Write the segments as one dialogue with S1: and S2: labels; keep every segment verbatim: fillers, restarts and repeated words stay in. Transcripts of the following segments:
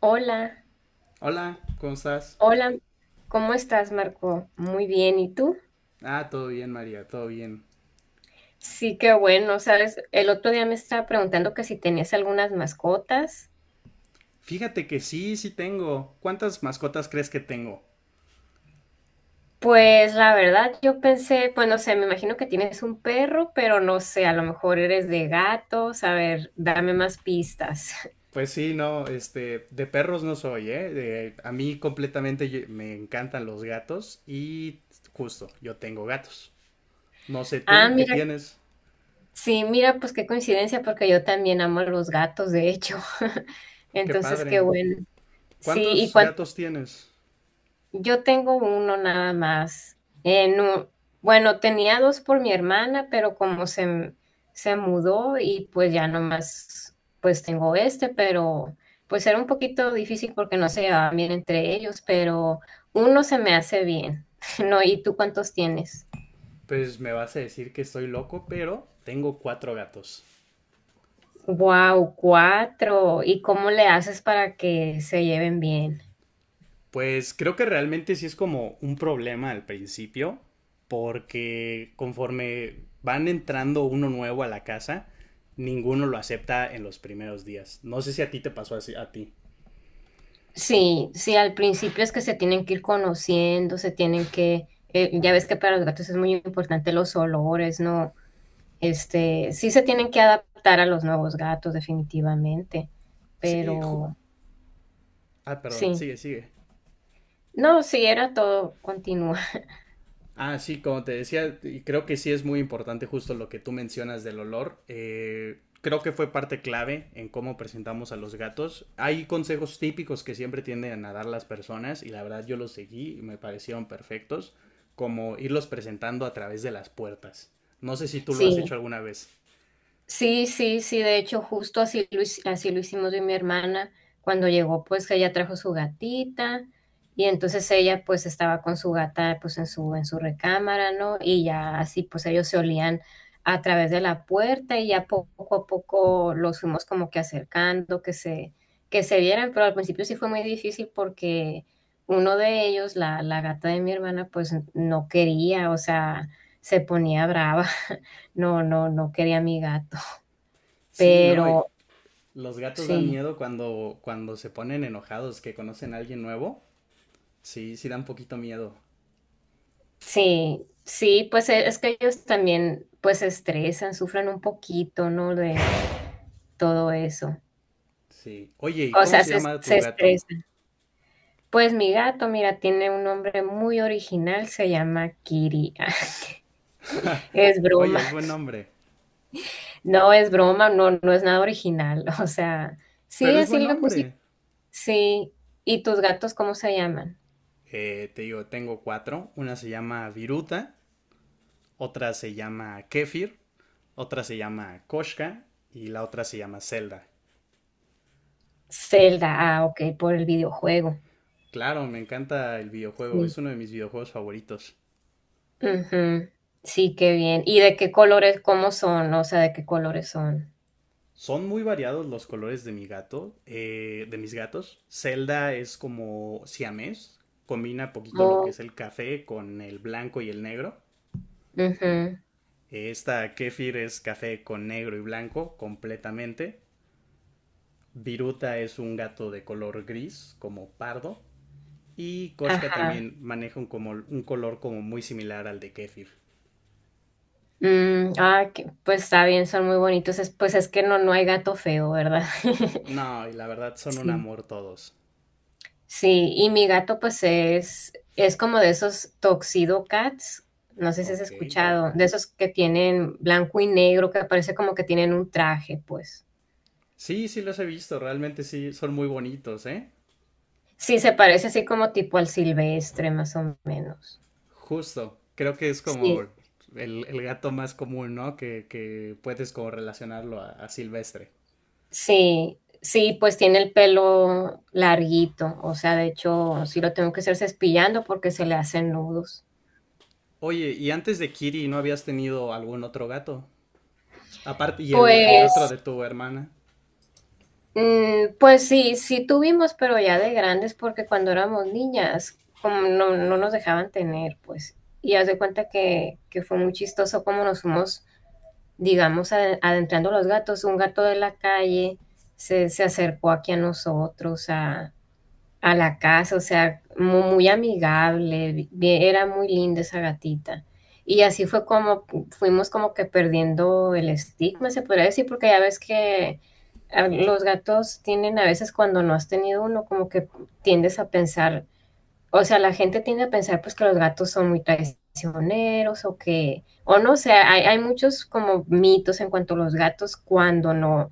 S1: Hola,
S2: Hola, ¿cómo estás?
S1: hola, ¿cómo estás, Marco? Muy bien, ¿y tú?
S2: Ah, todo bien, María, todo bien.
S1: Sí, qué bueno, sabes, el otro día me estaba preguntando que si tenías algunas mascotas.
S2: Fíjate que sí, sí tengo. ¿Cuántas mascotas crees que tengo?
S1: Pues la verdad, yo pensé, pues no sé, me imagino que tienes un perro, pero no sé, a lo mejor eres de gatos, a ver, dame más pistas.
S2: Pues sí, no, este, de perros no soy, ¿eh? De- a mí completamente yo- me encantan los gatos y justo, yo tengo gatos. No sé
S1: Ah,
S2: tú, ¿qué
S1: mira,
S2: tienes?
S1: sí, mira, pues qué coincidencia, porque yo también amo a los gatos, de hecho.
S2: Qué
S1: Entonces, qué
S2: padre.
S1: bueno. Sí, ¿y
S2: ¿Cuántos
S1: cuánto?
S2: gatos tienes?
S1: Yo tengo uno nada más. Eh, no, bueno, tenía dos por mi hermana, pero como se, m- se mudó y pues ya nomás, pues tengo este, pero pues era un poquito difícil porque no se llevaban bien entre ellos, pero uno se me hace bien. No, ¿y tú cuántos tienes?
S2: Pues me vas a decir que estoy loco, pero tengo cuatro gatos.
S1: Wow, cuatro. ¿Y cómo le haces para que se lleven bien?
S2: Pues creo que realmente sí es como un problema al principio, porque conforme van entrando uno nuevo a la casa, ninguno lo acepta en los primeros días. No sé si a ti te pasó así, a ti.
S1: Sí, sí, al principio es que se tienen que ir conociendo, se tienen que, eh, ya ves que para los gatos es muy importante los olores, ¿no? Este, sí se tienen que adaptar a los nuevos gatos, definitivamente,
S2: Sí, ju-
S1: pero
S2: ah, perdón,
S1: sí,
S2: sigue, sigue.
S1: no, sí, era todo, continúa.
S2: Ah, sí, como te decía, y creo que sí es muy importante justo lo que tú mencionas del olor. Eh, creo que fue parte clave en cómo presentamos a los gatos. Hay consejos típicos que siempre tienden a dar las personas y la verdad yo los seguí y me parecieron perfectos, como irlos presentando a través de las puertas. No sé si tú lo has
S1: Sí.
S2: hecho alguna vez.
S1: Sí, sí, sí, de hecho, justo así lo, hic- así lo hicimos yo y mi hermana. Cuando llegó, pues que ella trajo su gatita y entonces ella pues estaba con su gata pues en su, en su recámara, ¿no? Y ya así pues ellos se olían a través de la puerta y ya po- poco a poco los fuimos como que acercando, que se, que se vieran, pero al principio sí fue muy difícil porque uno de ellos, la, la gata de mi hermana, pues no quería, o sea, se ponía brava. No, no, no quería a mi gata.
S2: Sí, ¿no? Y
S1: Pero
S2: los gatos dan
S1: sí,
S2: miedo cuando, cuando se ponen enojados, que conocen a alguien nuevo. Sí, sí dan poquito miedo.
S1: sí, sí, pues e- es que ellos también pues se estresan, sufren un poquito, ¿no? De todo eso.
S2: Sí. Oye, ¿y
S1: O
S2: cómo
S1: sea,
S2: se
S1: se,
S2: llama tu
S1: se
S2: gato?
S1: estresan. Pues mi gato, mira, tiene un nombre muy original, se llama Kiri. Es
S2: Oye,
S1: broma,
S2: es buen nombre.
S1: no es broma, no, no es nada original. O sea,
S2: Pero
S1: sí,
S2: es
S1: así
S2: buen
S1: le puse,
S2: hombre.
S1: sí. ¿Y tus gatos cómo se llaman?
S2: Eh, te digo, tengo cuatro. Una se llama Viruta, otra se llama Kefir, otra se llama Koshka y la otra se llama Zelda.
S1: Zelda, ah, ok, por el videojuego.
S2: Claro, me encanta el videojuego,
S1: Sí.
S2: es uno de mis videojuegos favoritos.
S1: Ujú. Sí, qué bien. ¿Y de qué colores, cómo son? O sea, ¿de qué colores son?
S2: Son muy variados los colores de mi gato, eh, de mis gatos. Zelda es como siamés, combina poquito lo que
S1: Oh,
S2: es el café con el blanco y el negro.
S1: ujú,
S2: Esta Kefir es café con negro y blanco completamente. Viruta es un gato de color gris, como pardo. Y Koshka
S1: ajá.
S2: también maneja un, como, un color como muy similar al de Kefir.
S1: Mm, ah, que pues está bien, son muy bonitos. Es, pues es que no, no hay gato feo, ¿verdad?
S2: No, y la verdad son un
S1: Sí.
S2: amor todos.
S1: Sí, y mi gato pues es, es como de esos Tuxedo Cats, no sé si has
S2: Ok.
S1: escuchado, de esos que tienen blanco y negro, que parece como que tienen un traje, pues.
S2: Sí, sí los he visto, realmente sí, son muy bonitos, ¿eh?
S1: Sí, se parece así como tipo al silvestre, más o menos.
S2: Justo. Creo que es como
S1: Sí.
S2: el, el gato más común, ¿no? Que, que puedes como relacionarlo a, a Silvestre.
S1: Sí, sí, pues tiene el pelo larguito, o sea, de hecho, sí lo tengo que hacer cepillando porque se le hacen nudos.
S2: Oye, ¿y antes de Kiri no habías tenido algún otro gato? Aparte, y el, el
S1: Pues,
S2: otro de tu hermana.
S1: mm, pues sí, sí tuvimos, pero ya de grandes, porque cuando éramos niñas, como no, no nos dejaban tener, pues, y haz de cuenta que, que fue muy chistoso como nos fuimos, digamos, ade- adentrando los gatos. Un gato de la calle se, se acercó aquí a nosotros a, a la casa, o sea, mu- muy, amigable, bien- era muy linda esa gatita. Y así fue como pu- fuimos como que perdiendo el estigma, se podría decir, porque ya ves que a- los gatos tienen a veces cuando no has tenido uno, como que tiendes a pensar, o sea, la gente tiende a pensar pues que los gatos son muy traicioneros o que, o no, o sea, hay, hay muchos como mitos en cuanto a los gatos cuando no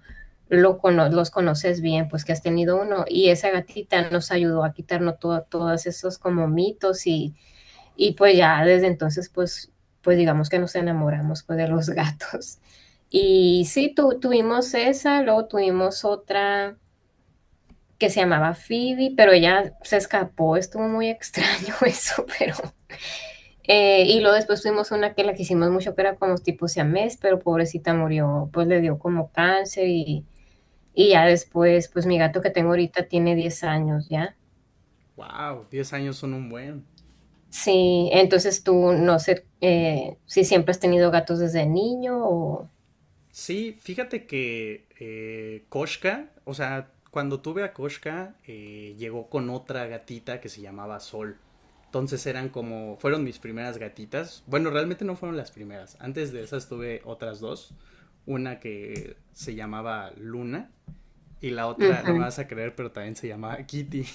S1: lo cono- los conoces bien, pues que has tenido uno y esa gatita nos ayudó a quitarnos todo, todos esos como mitos y, y pues ya desde entonces pues, pues digamos que nos enamoramos pues de los gatos. Y sí, tu- tuvimos esa, luego tuvimos otra que se llamaba Phoebe, pero ella se escapó, estuvo muy extraño eso, pero... Eh, y luego después tuvimos una que la quisimos mucho, que era como tipo siamés, pero pobrecita murió, pues le dio como cáncer y, y ya después, pues mi gato que tengo ahorita tiene diez años ya.
S2: Wow, diez años son un buen.
S1: Sí, entonces tú no sé eh, si siempre has tenido gatos desde niño o...
S2: Sí, fíjate que eh, Koshka, o sea, cuando tuve a Koshka, eh, llegó con otra gatita que se llamaba Sol. Entonces eran como, fueron mis primeras gatitas. Bueno, realmente no fueron las primeras. Antes de esas tuve otras dos. Una que se llamaba Luna y la otra, no me
S1: Ujú.
S2: vas a creer, pero también se llamaba Kitty.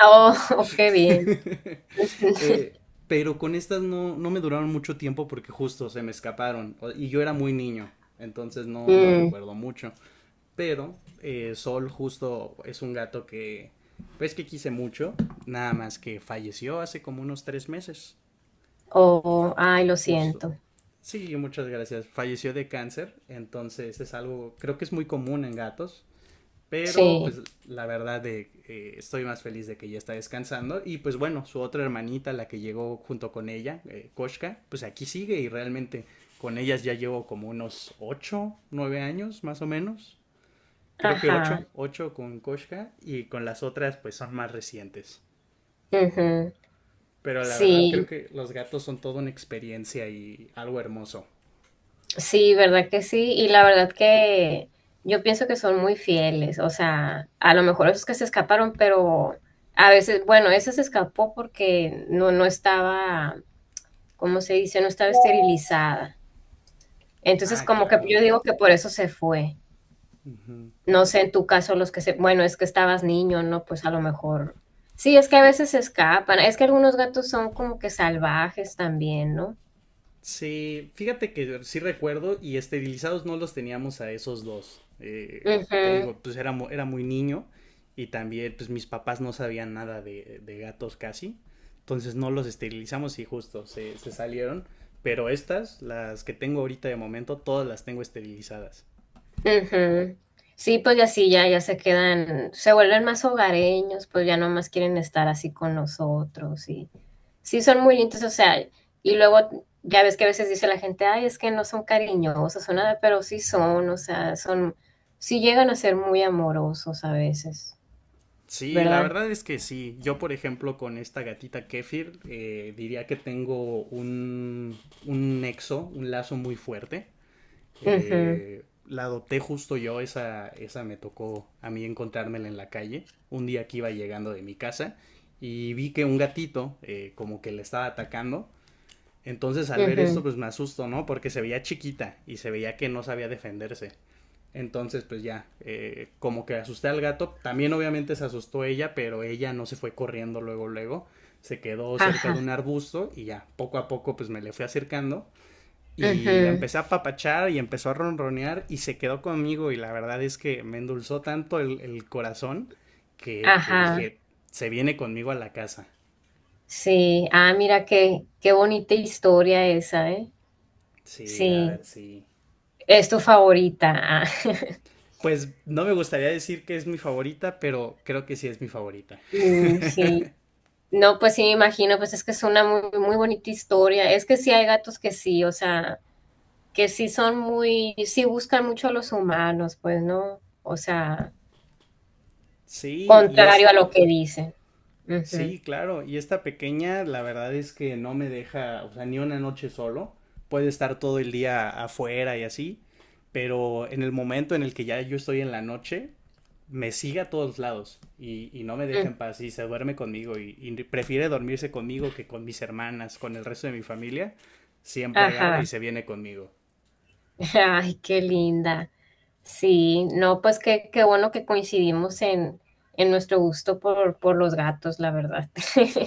S1: Oh, oh, qué bien.
S2: Eh, pero con estas no, no me duraron mucho tiempo porque justo se me escaparon o- y yo era muy niño, entonces no, no
S1: Mm,
S2: recuerdo mucho. Pero eh, Sol justo es un gato que, pues que quise mucho, nada más que falleció hace como unos tres meses,
S1: oh, ay, lo
S2: justo.
S1: siento.
S2: Sí, muchas gracias. Falleció de cáncer, entonces es algo, creo que es muy común en gatos, pero
S1: Sí,
S2: pues la verdad de, eh, estoy más feliz de que ya está descansando y pues bueno, su otra hermanita, la que llegó junto con ella, eh, Koshka, pues aquí sigue y realmente con ellas ya llevo como unos ocho, nueve años más o menos creo que
S1: ajá.
S2: ocho, ocho con Koshka y con las otras pues son más recientes.
S1: Ujú.
S2: Pero la verdad creo
S1: Sí.
S2: que los gatos son toda una experiencia y algo hermoso.
S1: Sí, verdad que sí. Y la verdad que yo pienso que son muy fieles. O sea, a lo mejor esos que se escaparon, pero a veces, bueno, ese se escapó porque no, no estaba, ¿cómo se dice? No estaba esterilizada. Entonces,
S2: Ah,
S1: como que
S2: claro.
S1: yo digo que por eso se fue. No sé, en tu caso, los que se, bueno, es que estabas niño, ¿no? Pues a lo mejor. Sí, es que a
S2: Y-
S1: veces se escapan. Es que algunos gatos son como que salvajes también, ¿no?
S2: Sí, fíjate que sí recuerdo y esterilizados no los teníamos a esos dos. Eh, te
S1: Ujú.
S2: digo, pues era, mu- era muy niño y también pues mis papás no sabían nada de, de gatos casi. Entonces no los esterilizamos y justo se, se salieron. Pero estas, las que tengo ahorita de momento, todas las tengo esterilizadas.
S1: Ujú. Sí, pues ya sí, ya, ya se quedan, se vuelven más hogareños, pues ya no más quieren estar así con nosotros y sí son muy lindos, o sea, y luego ya ves que a veces dice la gente, ay, es que no son cariñosos o nada, pero sí son, o sea, son, sí llegan a ser muy amorosos a veces,
S2: Sí, la
S1: ¿verdad?
S2: verdad es que sí. Yo, por ejemplo, con esta gatita Kefir, eh, diría que tengo un, un nexo, un lazo muy fuerte.
S1: Ujú,
S2: Eh, la adopté justo yo, esa, esa me tocó a mí encontrármela en la calle, un día que iba llegando de mi casa y vi que un gatito eh, como que le estaba atacando, entonces al ver esto
S1: ujú,
S2: pues me asusto, ¿no? Porque se veía chiquita y se veía que no sabía defenderse. Entonces pues ya, eh, como que asusté al gato, también obviamente se asustó ella, pero ella no se fue corriendo luego, luego, se quedó cerca
S1: Ajá,
S2: de un arbusto y ya, poco a poco pues me le fui acercando y la
S1: ujú,
S2: empecé a papachar y empezó a ronronear y se quedó conmigo y la verdad es que me endulzó tanto el, el corazón que, que
S1: ajá,
S2: dije, se viene conmigo a la casa.
S1: sí, ah, mira qué, qué bonita historia esa, ¿eh?
S2: Sí, la verdad
S1: Sí,
S2: sí.
S1: es tu favorita. Ah.
S2: Pues no me gustaría decir que es mi favorita, pero creo que sí es mi favorita.
S1: Mm, sí, no, pues sí, me imagino, pues es que es una muy, muy bonita historia. Es que sí hay gatos que sí, o sea, que sí son muy, sí buscan mucho a los humanos, pues, ¿no? O sea,
S2: Sí, y es,
S1: contrario a lo que dicen. Ujú,
S2: sí, claro, y esta pequeña, la verdad es que no me deja, o sea, ni una noche solo. Puede estar todo el día afuera y así, pero en el momento en el que ya yo estoy en la noche, me sigue a todos lados y, y no me deja
S1: mm,
S2: en paz y se duerme conmigo y, y prefiere dormirse conmigo que con mis hermanas, con el resto de mi familia. Siempre agarra
S1: Ajá,
S2: y se viene conmigo.
S1: ay, qué linda. Sí, no, pues qué, qué bueno que coincidimos en, en nuestro gusto por, por los gatos, la verdad.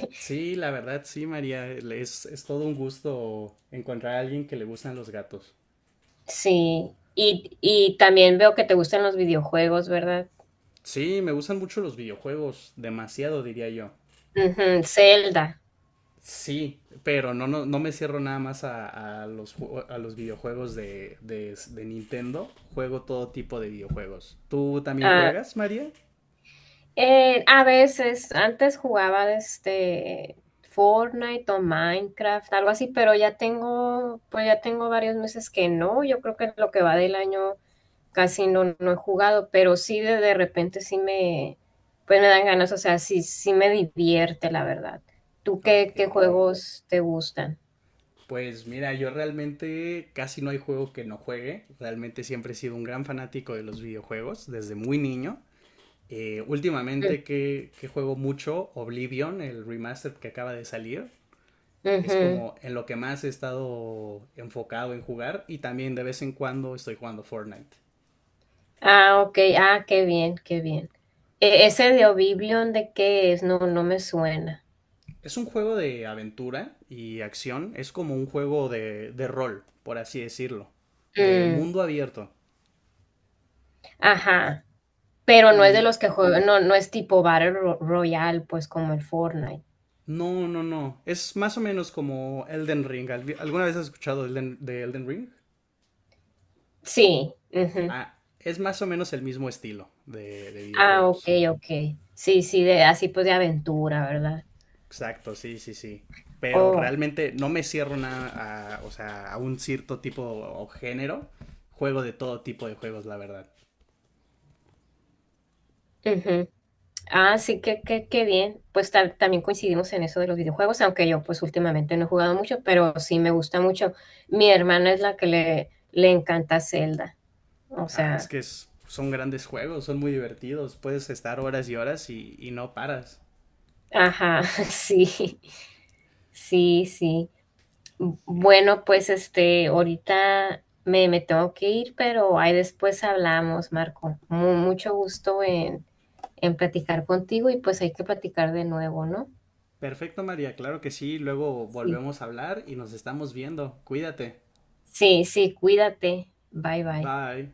S2: Sí, la verdad, sí, María. Es, es todo un gusto encontrar a alguien que le gustan los gatos.
S1: Sí, y, y también veo que te gustan los videojuegos, ¿verdad?
S2: Sí, me gustan mucho los videojuegos, demasiado diría yo.
S1: Ujú, Zelda.
S2: Sí, pero no, no, no me cierro nada más a, a los, ju- a los videojuegos de, de, de Nintendo. Juego todo tipo de videojuegos. ¿Tú también
S1: Ah,
S2: juegas, María?
S1: eh, a veces, antes jugaba este Fortnite o Minecraft, algo así, pero ya tengo, pues ya tengo varios meses que no. Yo creo que lo que va del año casi no, no he jugado, pero sí de, de repente sí me, pues me dan ganas, o sea, sí, sí me divierte, la verdad. ¿Tú
S2: Ok.
S1: qué, qué juegos te gustan?
S2: Pues mira, yo realmente casi no hay juego que no juegue. Realmente siempre he sido un gran fanático de los videojuegos desde muy niño. Eh,
S1: Mm,
S2: últimamente que, que, juego mucho Oblivion, el remaster que acaba de salir. Es
S1: ujú.
S2: como en lo que más he estado enfocado en jugar y también de vez en cuando estoy jugando Fortnite.
S1: Ah, ok, ah, qué bien, qué bien. E- ese de Oblivion, ¿de qué es? No, no me suena.
S2: Es un juego de aventura y acción, es como un juego de, de rol, por así decirlo, de
S1: Mm.
S2: mundo abierto.
S1: Ajá, pero no es de
S2: Y
S1: los que juegan, no, no es tipo Battle Ro- Royale, pues como el Fortnite.
S2: no, no, no, es más o menos como Elden Ring. ¿Alguna vez has escuchado de Elden Ring?
S1: Sí, ujú.
S2: Ah, es más o menos el mismo estilo de, de
S1: Ah, ok,
S2: videojuegos.
S1: ok. Sí, sí, de, así pues de aventura, ¿verdad?
S2: Exacto, sí, sí, sí. Pero
S1: Oh,
S2: realmente no me cierro nada a, o sea, a un cierto tipo o género. Juego de todo tipo de juegos, la verdad.
S1: ujú. Ah, sí, que, que, qué bien. Pues ta- también coincidimos en eso de los videojuegos, aunque yo pues últimamente no he jugado mucho, pero sí me gusta mucho. Mi hermana es la que le, le encanta Zelda. O
S2: Ah, es
S1: sea,
S2: que es- son grandes juegos, son muy divertidos. Puedes estar horas y horas y, y no paras.
S1: ajá, sí, sí, sí.
S2: Sí.
S1: Bueno, pues este, ahorita me, me tengo que ir, pero ahí después hablamos, Marco. Mu- mucho gusto en, en platicar contigo y pues hay que platicar de nuevo, ¿no?
S2: Perfecto, María, claro que sí. Luego
S1: Sí.
S2: volvemos a hablar y nos estamos viendo. Cuídate.
S1: Sí, sí, cuídate. Bye, bye.
S2: Bye.